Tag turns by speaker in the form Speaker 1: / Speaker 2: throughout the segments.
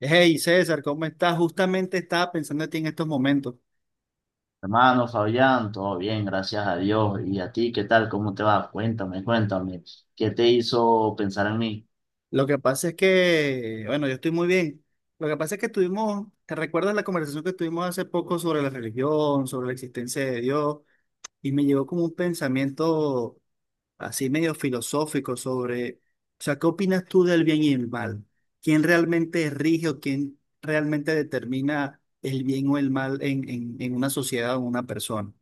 Speaker 1: Hey César, ¿cómo estás? Justamente estaba pensando en ti en estos momentos.
Speaker 2: Hermano Fabián, todo bien, gracias a Dios. ¿Y a ti qué tal? ¿Cómo te va? Cuéntame, cuéntame. ¿Qué te hizo pensar en mí?
Speaker 1: Lo que pasa es que, bueno, yo estoy muy bien. Lo que pasa es que tuvimos, ¿te recuerdas la conversación que tuvimos hace poco sobre la religión, sobre la existencia de Dios? Y me llegó como un pensamiento así medio filosófico sobre, o sea, ¿qué opinas tú del bien y el mal? ¿Quién realmente rige o quién realmente determina el bien o el mal en, en una sociedad o en una persona?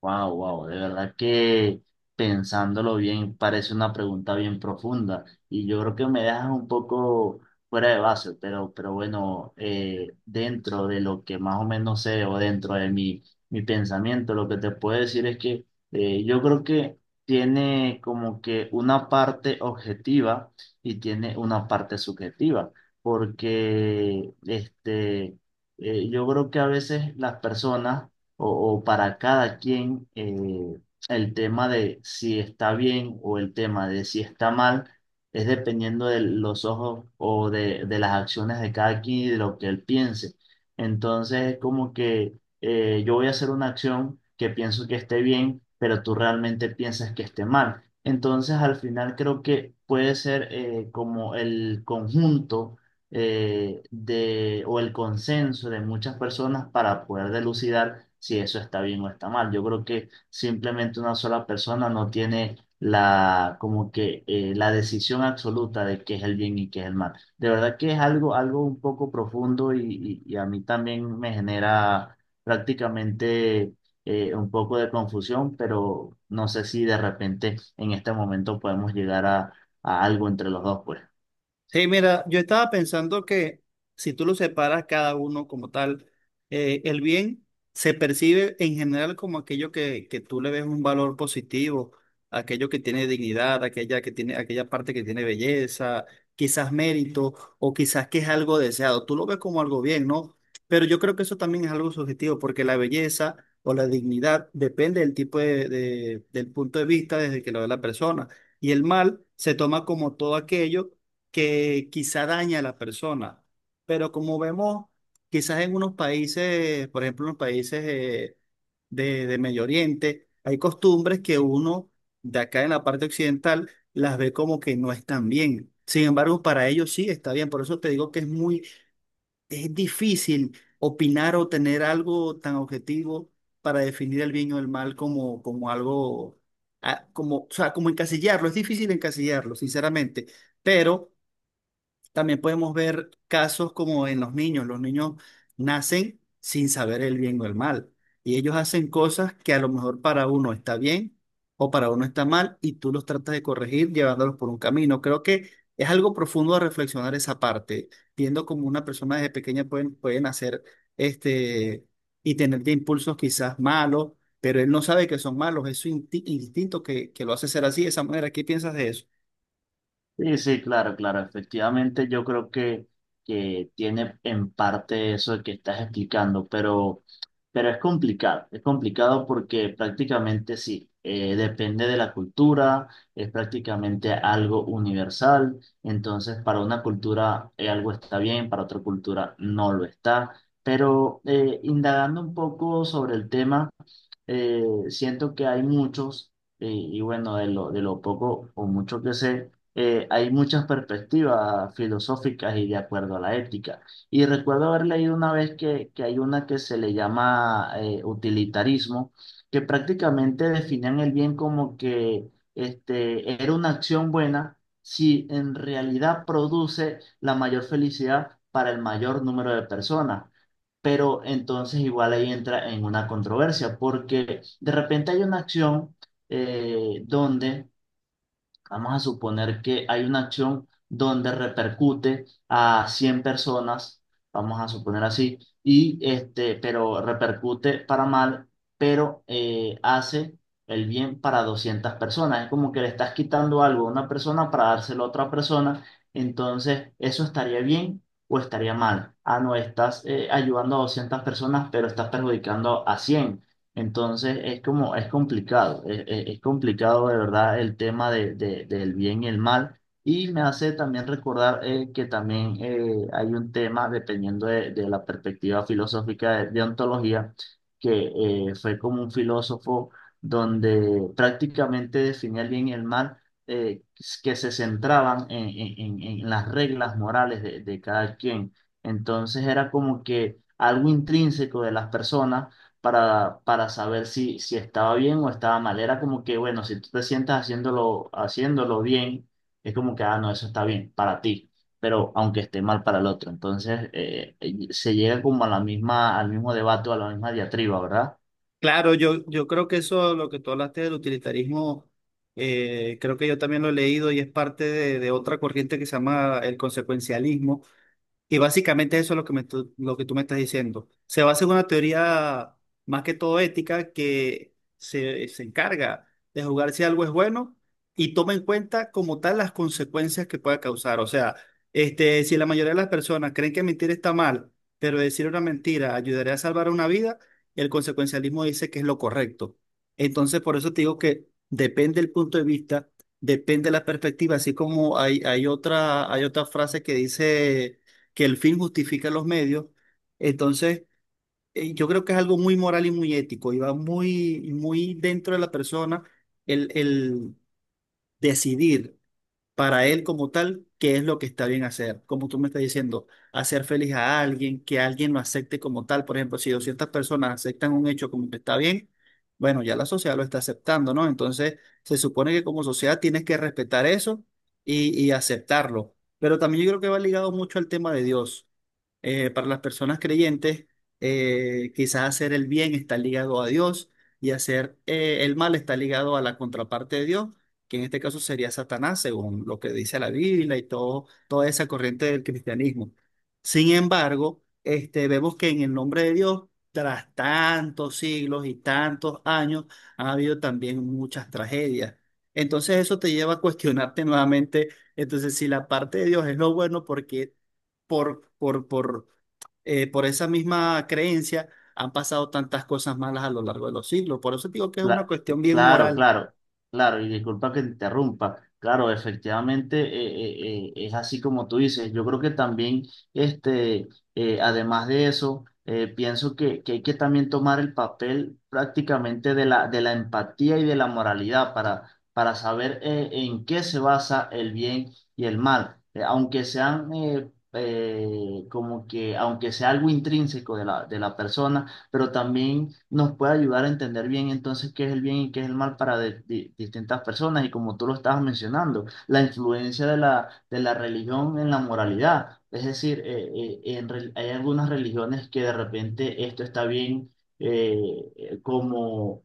Speaker 2: Wow, wow, de verdad que pensándolo bien parece una pregunta bien profunda y yo creo que me dejas un poco fuera de base, pero bueno, dentro de lo que más o menos sé o dentro de mi pensamiento, lo que te puedo decir es que yo creo que tiene como que una parte objetiva y tiene una parte subjetiva, porque yo creo que a veces las personas o para cada quien el tema de si está bien o el tema de si está mal es dependiendo de los ojos o de las acciones de cada quien y de lo que él piense. Entonces es como que yo voy a hacer una acción que pienso que esté bien, pero tú realmente piensas que esté mal. Entonces al final creo que puede ser como el conjunto, o el consenso de muchas personas para poder delucidar si eso está bien o está mal. Yo creo que simplemente una sola persona no tiene la decisión absoluta de qué es el bien y qué es el mal. De verdad que es algo un poco profundo, y a mí también me genera prácticamente un poco de confusión, pero no sé si de repente en este momento podemos llegar a algo entre los dos, pues.
Speaker 1: Sí, mira, yo estaba pensando que si tú lo separas cada uno como tal, el bien se percibe en general como aquello que tú le ves un valor positivo, aquello que tiene dignidad, aquella que tiene, aquella parte que tiene belleza, quizás mérito, o quizás que es algo deseado. Tú lo ves como algo bien, ¿no? Pero yo creo que eso también es algo subjetivo, porque la belleza o la dignidad depende del tipo del punto de vista desde que lo ve la persona. Y el mal se toma como todo aquello que quizá daña a la persona, pero como vemos, quizás en unos países, por ejemplo, en los países de Medio Oriente, hay costumbres que uno de acá en la parte occidental las ve como que no están bien. Sin embargo, para ellos sí está bien. Por eso te digo que es difícil opinar o tener algo tan objetivo para definir el bien o el mal como, como algo, como, o sea, como encasillarlo. Es difícil encasillarlo, sinceramente. Pero también podemos ver casos como en los niños. Los niños nacen sin saber el bien o el mal. Y ellos hacen cosas que a lo mejor para uno está bien o para uno está mal y tú los tratas de corregir llevándolos por un camino. Creo que es algo profundo a reflexionar esa parte, viendo cómo una persona desde pequeña pueden hacer este y tener de impulsos quizás malos, pero él no sabe que son malos. Es su instinto que lo hace ser así, de esa manera. ¿Qué piensas de eso?
Speaker 2: Sí, sí, claro, claro. Efectivamente, yo creo que tiene en parte eso que estás explicando, pero es complicado. Es complicado porque prácticamente sí, depende de la cultura, es prácticamente algo universal. Entonces, para una cultura algo está bien, para otra cultura no lo está. Pero indagando un poco sobre el tema, eh, siento que hay muchos. Y bueno, de lo poco o mucho que sé hay muchas perspectivas filosóficas y de acuerdo a la ética. Y recuerdo haber leído una vez que hay una que se le llama utilitarismo, que prácticamente definían el bien como que era una acción buena si en realidad produce la mayor felicidad para el mayor número de personas. Pero entonces igual ahí entra en una controversia, porque de repente hay una acción donde Vamos a suponer que hay una acción donde repercute a 100 personas, vamos a suponer así, y pero repercute para mal, pero hace el bien para 200 personas. Es como que le estás quitando algo a una persona para dárselo a otra persona, entonces eso estaría bien o estaría mal. Ah, no, estás ayudando a 200 personas, pero estás perjudicando a 100. Entonces es como, es complicado, es complicado de verdad el tema del bien y el mal. Y me hace también recordar que también hay un tema, dependiendo de la perspectiva filosófica de ontología, que fue como un filósofo donde prácticamente definía el bien y el mal, eh, que se centraban en las reglas morales de cada quien. Entonces era como que algo intrínseco de las personas para saber si estaba bien o estaba mal. Era como que, bueno, si tú te sientas haciéndolo bien, es como que, ah, no, eso está bien para ti, pero aunque esté mal para el otro. Entonces, se llega como a la misma, al mismo debate, o a la misma diatriba, ¿verdad?
Speaker 1: Claro, yo creo que eso, lo que tú hablaste del utilitarismo, creo que yo también lo he leído y es parte de otra corriente que se llama el consecuencialismo, y básicamente eso es lo que lo que tú me estás diciendo. Se basa en una teoría más que todo ética que se encarga de jugar si algo es bueno y toma en cuenta como tal las consecuencias que pueda causar. O sea, este, si la mayoría de las personas creen que mentir está mal, pero decir una mentira ayudaría a salvar una vida, el consecuencialismo dice que es lo correcto. Entonces, por eso te digo que depende el punto de vista, depende de la perspectiva, así como hay otra frase que dice que el fin justifica los medios. Entonces, yo creo que es algo muy moral y muy ético y va muy dentro de la persona el decidir para él como tal, qué es lo que está bien hacer. Como tú me estás diciendo, hacer feliz a alguien, que alguien lo acepte como tal. Por ejemplo, si 200 personas aceptan un hecho como que está bien, bueno, ya la sociedad lo está aceptando, ¿no? Entonces, se supone que como sociedad tienes que respetar eso y aceptarlo. Pero también yo creo que va ligado mucho al tema de Dios. Para las personas creyentes, quizás hacer el bien está ligado a Dios y hacer el mal está ligado a la contraparte de Dios que en este caso sería Satanás, según lo que dice la Biblia y todo, toda esa corriente del cristianismo. Sin embargo, este, vemos que en el nombre de Dios, tras tantos siglos y tantos años, ha habido también muchas tragedias. Entonces eso te lleva a cuestionarte nuevamente, entonces si la parte de Dios es lo bueno, porque por, por, por, por esa misma creencia han pasado tantas cosas malas a lo largo de los siglos. Por eso digo que es una
Speaker 2: Cla-
Speaker 1: cuestión bien
Speaker 2: Claro,
Speaker 1: moral.
Speaker 2: claro, claro, y disculpa que te interrumpa. Claro, efectivamente es así como tú dices. Yo creo que también, este, además de eso, pienso que hay que también tomar el papel prácticamente de la empatía y de la moralidad para saber en qué se basa el bien y el mal. Aunque sea algo intrínseco de la persona, pero también nos puede ayudar a entender bien entonces qué es el bien y qué es el mal para distintas personas. Y como tú lo estabas mencionando, la influencia de la religión en la moralidad. Es decir, hay algunas religiones que de repente esto está bien eh, eh, como...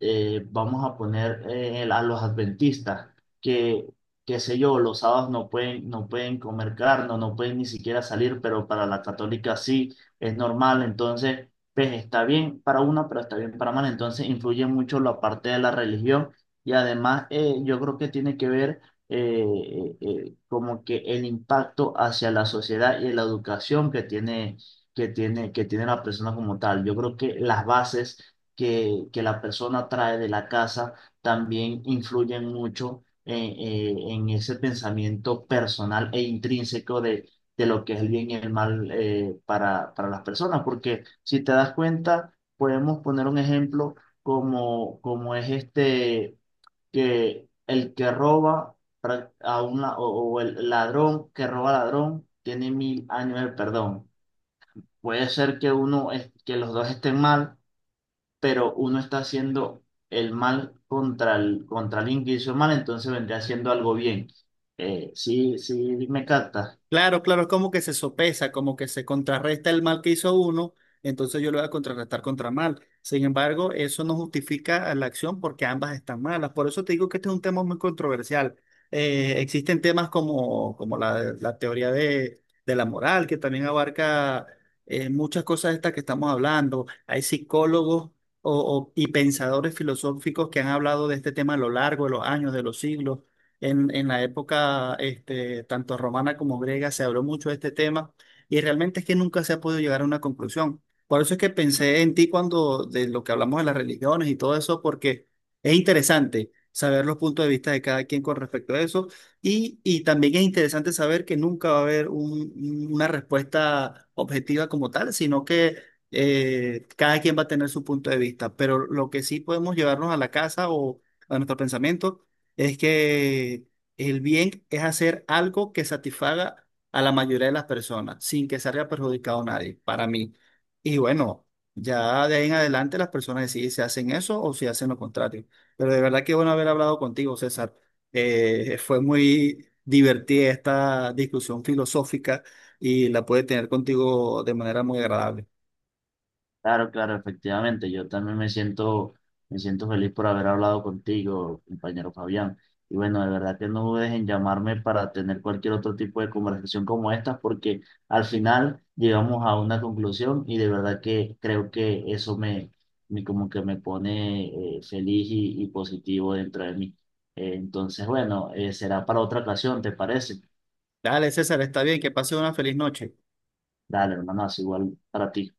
Speaker 2: vamos a poner a los adventistas, que qué sé yo, los sábados no pueden, no pueden comer carne, no pueden ni siquiera salir, pero para la católica sí es normal. Entonces, pues está bien para uno, pero está bien para mal. Entonces influye mucho la parte de la religión y además yo creo que tiene que ver eh, como que el impacto hacia la sociedad y la educación que tiene la persona como tal. Yo creo que las bases que la persona trae de la casa también influyen mucho en ese pensamiento personal e intrínseco de lo que es el bien y el mal para las personas. Porque si te das cuenta, podemos poner un ejemplo como es este, que el que roba pra- a una, o el ladrón que roba a ladrón tiene 1000 años de perdón. Puede ser que los dos estén mal, pero uno está haciendo el mal contra contra alguien que hizo mal, entonces vendría haciendo algo bien. Sí, sí, me capta.
Speaker 1: Claro, claro, es como que se sopesa, como que se contrarresta el mal que hizo uno, entonces yo lo voy a contrarrestar contra mal. Sin embargo, eso no justifica la acción porque ambas están malas. Por eso te digo que este es un tema muy controversial. Existen temas como, como la teoría de la moral, que también abarca muchas cosas de estas que estamos hablando. Hay psicólogos o- y pensadores filosóficos que han hablado de este tema a lo largo de los años, de los siglos. En la época este, tanto romana como griega se habló mucho de este tema y realmente es que nunca se ha podido llegar a una conclusión. Por eso es que pensé en ti cuando de lo que hablamos de las religiones y todo eso, porque es interesante saber los puntos de vista de cada quien con respecto a eso y también es interesante saber que nunca va a haber una respuesta objetiva como tal, sino que cada quien va a tener su punto de vista. Pero lo que sí podemos llevarnos a la casa o a nuestro pensamiento es que el bien es hacer algo que satisfaga a la mayoría de las personas sin que salga perjudicado a nadie, para mí. Y bueno, ya de ahí en adelante las personas deciden si hacen eso o si hacen lo contrario. Pero de verdad que bueno haber hablado contigo, César. Fue muy divertida esta discusión filosófica y la pude tener contigo de manera muy agradable.
Speaker 2: Claro, claro, efectivamente. Yo también me siento feliz por haber hablado contigo, compañero Fabián. Y bueno, de verdad que no dudes en llamarme para tener cualquier otro tipo de conversación como esta, porque al final llegamos a una conclusión y de verdad que creo que eso me como que me pone feliz y positivo dentro de mí. Entonces, bueno, será para otra ocasión, ¿te parece?
Speaker 1: Dale, César, está bien, que pases una feliz noche.
Speaker 2: Dale, hermano, es igual para ti.